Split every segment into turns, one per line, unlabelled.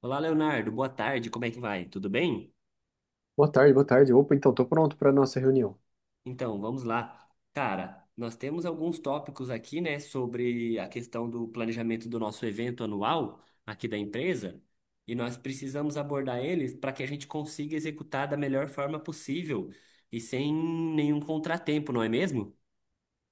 Olá, Leonardo. Boa tarde. Como é que vai? Tudo bem?
Boa tarde, boa tarde. Opa, então, estou pronto para a nossa reunião.
Então, vamos lá. Cara, nós temos alguns tópicos aqui, né, sobre a questão do planejamento do nosso evento anual aqui da empresa, e nós precisamos abordar eles para que a gente consiga executar da melhor forma possível e sem nenhum contratempo, não é mesmo?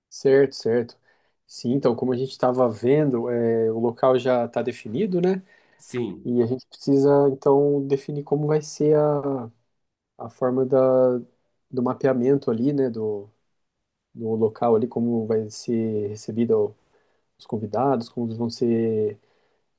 Certo, certo. Sim, então, como a gente estava vendo, o local já está definido, né?
Sim.
E a gente precisa, então, definir como vai ser a forma do mapeamento ali, né? Do local ali, como vai ser recebido os convidados, como eles vão ser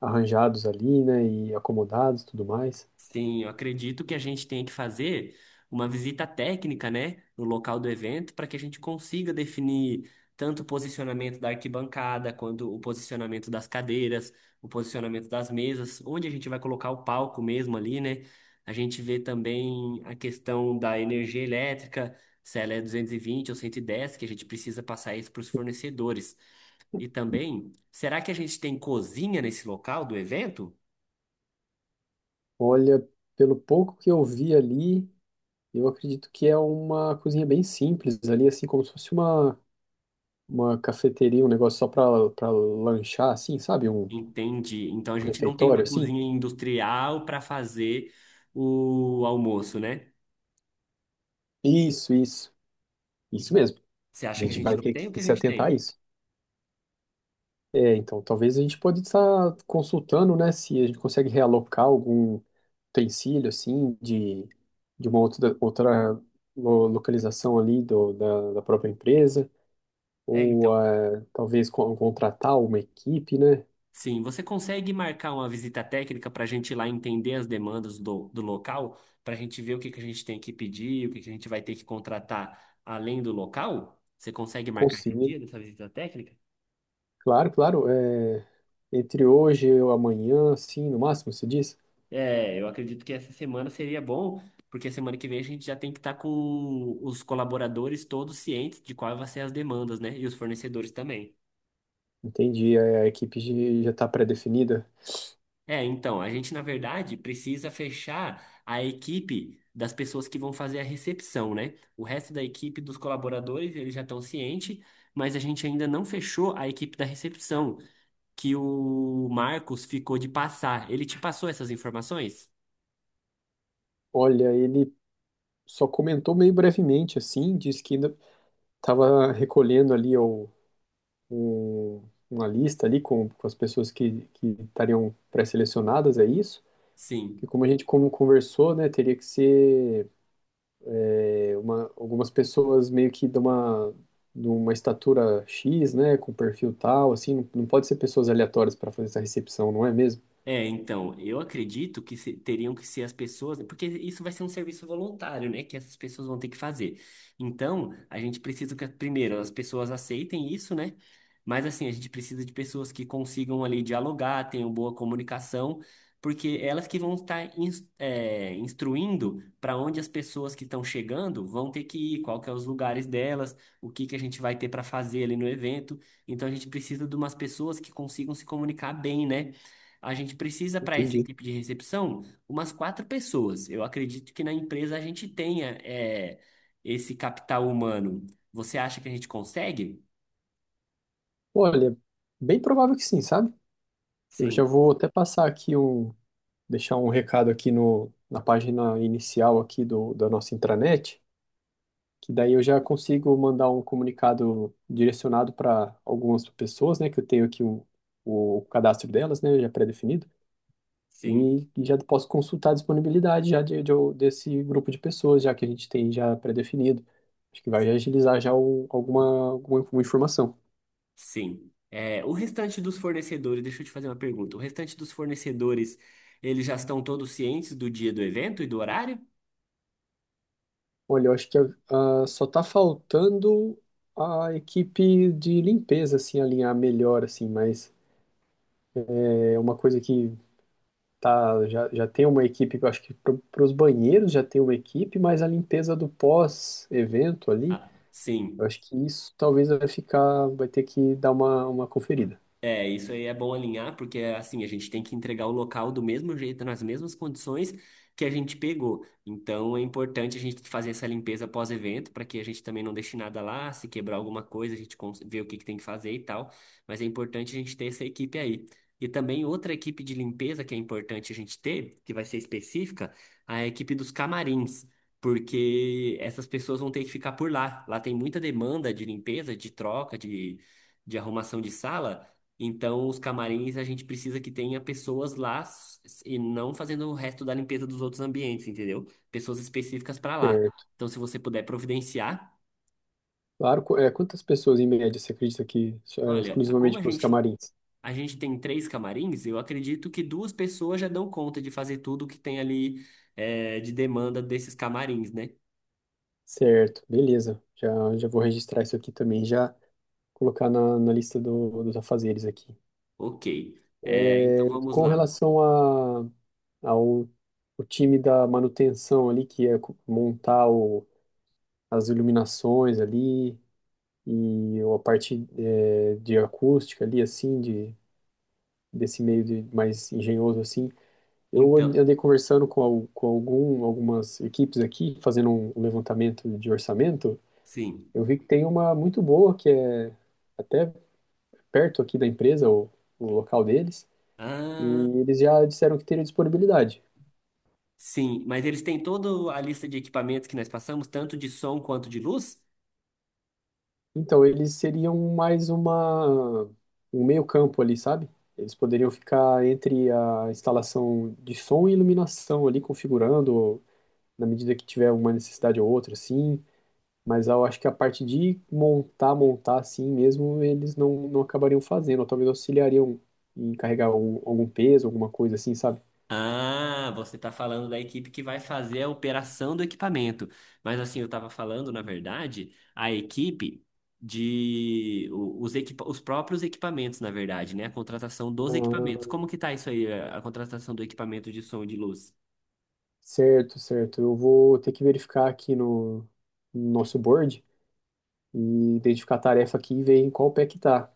arranjados ali, né? E acomodados e tudo mais.
Sim, eu acredito que a gente tenha que fazer uma visita técnica, né, no local do evento, para que a gente consiga definir tanto o posicionamento da arquibancada, quanto o posicionamento das cadeiras, o posicionamento das mesas, onde a gente vai colocar o palco mesmo ali, né? A gente vê também a questão da energia elétrica, se ela é 220 ou 110, que a gente precisa passar isso para os fornecedores. E também, será que a gente tem cozinha nesse local do evento?
Olha, pelo pouco que eu vi ali, eu acredito que é uma cozinha bem simples ali, assim como se fosse uma cafeteria, um negócio só pra lanchar, assim, sabe? Um
Entendi. Então a gente não tem uma
refeitório, assim.
cozinha industrial para fazer o almoço, né?
Isso, isso. Isso mesmo.
Você
A
acha que a
gente
gente
vai
não
ter
tem o que
que
a
se
gente
atentar a
tem?
isso. É, então, talvez a gente pode estar consultando, né? Se a gente consegue realocar algum utensílio, assim, de uma outra localização ali da própria empresa.
É, então.
Ou talvez contratar uma equipe, né?
Sim, você consegue marcar uma visita técnica para a gente ir lá entender as demandas do local, para a gente ver o que que a gente tem que pedir, o que que a gente vai ter que contratar além do local? Você consegue marcar esse
Conseguir.
dia dessa visita técnica?
Claro, claro. Entre hoje e amanhã, assim, no máximo, se diz?
É, eu acredito que essa semana seria bom, porque semana que vem a gente já tem que estar com os colaboradores todos cientes de quais vão ser as demandas, né? E os fornecedores também.
Entendi, a equipe já está pré-definida.
É, então, a gente, na verdade, precisa fechar a equipe das pessoas que vão fazer a recepção, né? O resto da equipe dos colaboradores, eles já estão cientes, mas a gente ainda não fechou a equipe da recepção, que o Marcos ficou de passar. Ele te passou essas informações?
Olha, ele só comentou meio brevemente, assim, disse que ainda estava recolhendo ali o- uma lista ali com as pessoas que estariam pré-selecionadas, é isso? Que
Sim.
como a gente como conversou, né, teria que ser algumas pessoas meio que de de uma estatura X, né, com perfil tal, assim, não, não pode ser pessoas aleatórias para fazer essa recepção, não é mesmo?
É, então, eu acredito que teriam que ser as pessoas, porque isso vai ser um serviço voluntário, né, que essas pessoas vão ter que fazer. Então, a gente precisa que, primeiro, as pessoas aceitem isso, né? Mas, assim, a gente precisa de pessoas que consigam ali dialogar, tenham boa comunicação, porque elas que vão estar instruindo para onde as pessoas que estão chegando vão ter que ir, qual que é os lugares delas, o que que a gente vai ter para fazer ali no evento. Então, a gente precisa de umas pessoas que consigam se comunicar bem, né? A gente precisa para essa
Entendi.
equipe de recepção umas quatro pessoas. Eu acredito que na empresa a gente tenha esse capital humano. Você acha que a gente consegue?
Olha, bem provável que sim, sabe? Eu
Sim,
já vou até passar deixar um recado aqui no, na página inicial aqui da nossa intranet, que daí eu já consigo mandar um comunicado direcionado para algumas pessoas, né, que eu tenho aqui o cadastro delas, né, já pré-definido,
sim,
e, já posso consultar a disponibilidade já desse grupo de pessoas, já que a gente tem já pré-definido. Acho que vai agilizar já alguma informação.
sim. É, o restante dos fornecedores, deixa eu te fazer uma pergunta. O restante dos fornecedores, eles já estão todos cientes do dia do evento e do horário?
Olha, eu acho que só tá faltando a equipe de limpeza, assim, alinhar melhor, assim, mas é uma coisa que tá, já, já tem uma equipe, eu acho que para os banheiros já tem uma equipe, mas a limpeza do pós-evento ali,
Ah,
eu
sim.
acho que isso talvez vai ficar, vai ter que dar uma conferida.
É, isso aí é bom alinhar, porque assim, a gente tem que entregar o local do mesmo jeito, nas mesmas condições que a gente pegou. Então é importante a gente fazer essa limpeza pós-evento, para que a gente também não deixe nada lá, se quebrar alguma coisa, a gente vê o que que tem que fazer e tal. Mas é importante a gente ter essa equipe aí. E também outra equipe de limpeza que é importante a gente ter, que vai ser específica, a equipe dos camarins. Porque essas pessoas vão ter que ficar por lá. Lá tem muita demanda de limpeza, de troca, de arrumação de sala. Então, os camarins a gente precisa que tenha pessoas lá e não fazendo o resto da limpeza dos outros ambientes, entendeu? Pessoas específicas para lá.
Certo.
Então, se você puder providenciar,
Claro, quantas pessoas em média você acredita que é,
olha, como
exclusivamente
a
para os
gente
camarins?
tem três camarins, eu acredito que duas pessoas já dão conta de fazer tudo que tem ali de demanda desses camarins, né?
Certo, beleza. Já, já vou registrar isso aqui também, já colocar na lista dos afazeres aqui.
Ok. É, então vamos
Com
lá.
relação ao o time da manutenção ali, que é montar as iluminações ali e a parte de acústica ali, assim, desse meio de mais engenhoso assim. Eu
Então,
andei conversando com algumas equipes aqui, fazendo um levantamento de orçamento.
sim.
Eu vi que tem uma muito boa, que é até perto aqui da empresa, o local deles. E
Ah,
eles já disseram que teriam disponibilidade.
sim. Mas eles têm toda a lista de equipamentos que nós passamos, tanto de som quanto de luz?
Então, eles seriam mais um meio-campo ali, sabe? Eles poderiam ficar entre a instalação de som e iluminação ali, configurando na medida que tiver uma necessidade ou outra, sim. Mas eu acho que a parte de montar, montar assim mesmo, eles não, não acabariam fazendo, ou talvez auxiliariam em carregar algum peso, alguma coisa assim, sabe?
Ah, você está falando da equipe que vai fazer a operação do equipamento. Mas assim, eu estava falando, na verdade, a equipe de os próprios equipamentos, na verdade, né? A contratação dos equipamentos. Como
Ah,
que tá isso aí, a contratação do equipamento de som e de luz?
certo, certo. Eu vou ter que verificar aqui no nosso board e identificar a tarefa aqui e ver em qual pé que tá.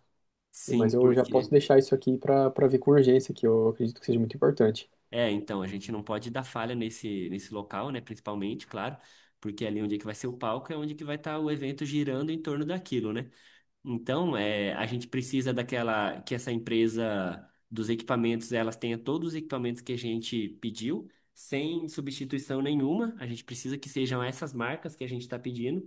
Mas
Sim,
eu já posso
porque
deixar isso aqui para ver com urgência, que eu acredito que seja muito importante.
é, então a gente não pode dar falha nesse local, né, principalmente, claro, porque ali onde é que vai ser o palco é onde que vai estar o evento girando em torno daquilo, né? Então, é, a gente precisa daquela que essa empresa dos equipamentos, elas tenha todos os equipamentos que a gente pediu, sem substituição nenhuma. A gente precisa que sejam essas marcas que a gente está pedindo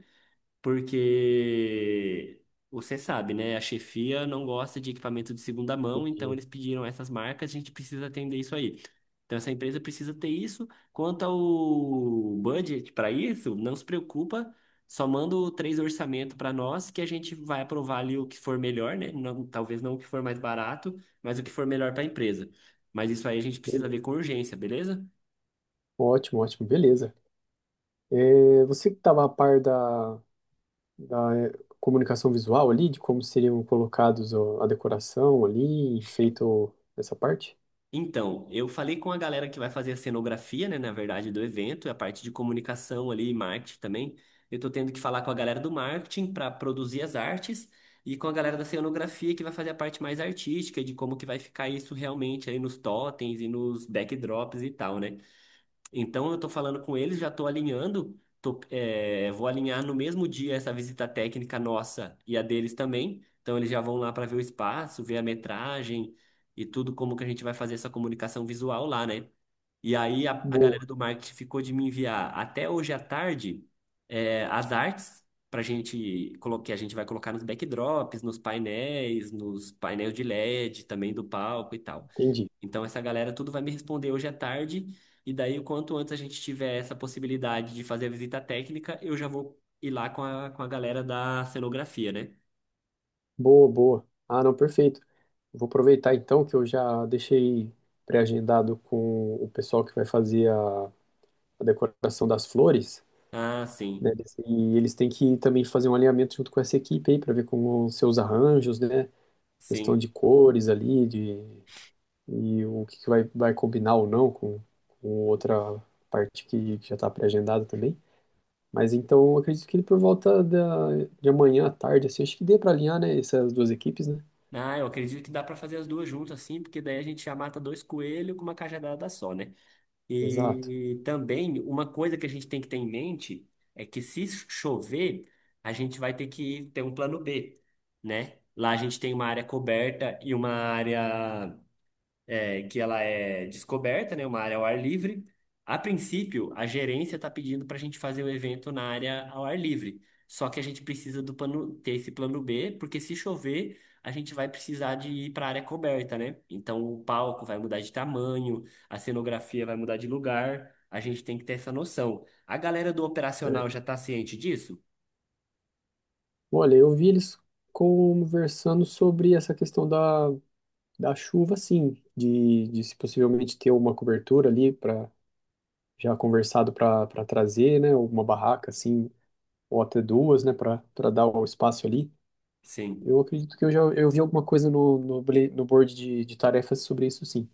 porque você sabe, né? A chefia não gosta de equipamento de segunda mão, então
E,
eles pediram essas marcas, a gente precisa atender isso aí. Então essa empresa precisa ter isso. Quanto ao budget para isso, não se preocupa, só manda o três orçamento para nós que a gente vai aprovar ali o que for melhor, né? Não- talvez não o que for mais barato, mas o que for melhor para a empresa. Mas isso aí a gente precisa
Beleza.
ver com urgência, beleza?
Ótimo, ótimo, beleza. É, você que estava a par da comunicação visual ali, de como seriam colocados ó, a decoração ali, feito essa parte?
Então, eu falei com a galera que vai fazer a cenografia, né, na verdade, do evento, a parte de comunicação ali e marketing também. Eu tô tendo que falar com a galera do marketing para produzir as artes e com a galera da cenografia que vai fazer a parte mais artística de como que vai ficar isso realmente aí nos totens e nos backdrops e tal, né? Então eu estou falando com eles, já estou alinhando, tô, vou alinhar no mesmo dia essa visita técnica nossa e a deles também. Então eles já vão lá para ver o espaço, ver a metragem e tudo como que a gente vai fazer essa comunicação visual lá, né? E aí a
Boa,
galera do marketing ficou de me enviar até hoje à tarde é, as artes para gente que a gente vai colocar nos backdrops, nos painéis de LED também do palco e tal.
entendi.
Então, essa galera tudo vai me responder hoje à tarde, e daí, o quanto antes a gente tiver essa possibilidade de fazer a visita técnica, eu já vou ir lá com a galera da cenografia, né?
Boa, boa. Ah, não, perfeito. Vou aproveitar então que eu já deixei pré-agendado com o pessoal que vai fazer a decoração das flores.
Ah,
Né?
sim,
E eles têm que também fazer um alinhamento junto com essa equipe aí para ver como os seus arranjos, né? Questão
sim.
de cores ali, de e o que que vai, vai combinar ou não com outra parte que já está pré-agendada também. Mas então eu acredito que por volta de amanhã à tarde, assim, acho que dê para alinhar, né, essas duas equipes, né?
Ah, eu acredito que dá para fazer as duas juntas, sim, porque daí a gente já mata dois coelhos com uma cajadada só, né?
Exato.
E também, uma coisa que a gente tem que ter em mente é que se chover, a gente vai ter que ter um plano B, né? Lá a gente tem uma área coberta e uma área. É, que ela é descoberta, né? Uma área ao ar livre. A princípio, a gerência está pedindo para a gente fazer o evento na área ao ar livre. Só que a gente precisa do plano, ter esse plano B, porque se chover, a gente vai precisar de ir para a área coberta, né? Então o palco vai mudar de tamanho, a cenografia vai mudar de lugar. A gente tem que ter essa noção. A galera do operacional já está ciente disso?
Olha, eu vi eles conversando sobre essa questão da chuva, sim, de se possivelmente ter uma cobertura ali para já conversado para trazer, né, uma barraca assim, ou até duas, né, para dar o espaço ali.
Sim.
Eu acredito que eu já eu vi alguma coisa no board de tarefas sobre isso, sim.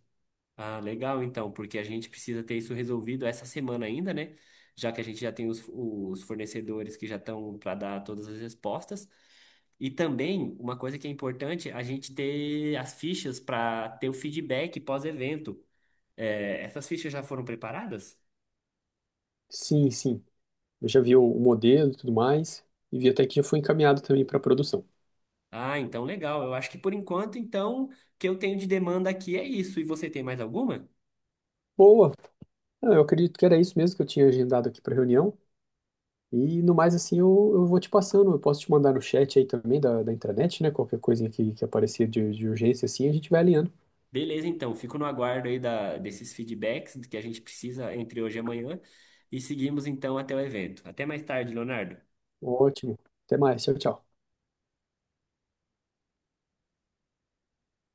Ah, legal então, porque a gente precisa ter isso resolvido essa semana ainda, né? Já que a gente já tem os fornecedores que já estão para dar todas as respostas. E também, uma coisa que é importante, a gente ter as fichas para ter o feedback pós-evento. É, essas fichas já foram preparadas?
Sim, sim. Eu já vi o modelo e tudo mais, e vi até que já foi encaminhado também para produção.
Ah, então legal. Eu acho que por enquanto, então, o que eu tenho de demanda aqui é isso. E você tem mais alguma?
Boa! Ah, eu acredito que era isso mesmo que eu tinha agendado aqui para reunião. E no mais, assim, eu vou te passando. Eu posso te mandar no chat aí também da intranet, né? Qualquer coisinha que aparecer de urgência, assim, a gente vai alinhando.
Beleza, então, fico no aguardo aí da, desses feedbacks que a gente precisa entre hoje e amanhã e seguimos então até o evento. Até mais tarde, Leonardo.
Ótimo. Até mais. Tchau, tchau.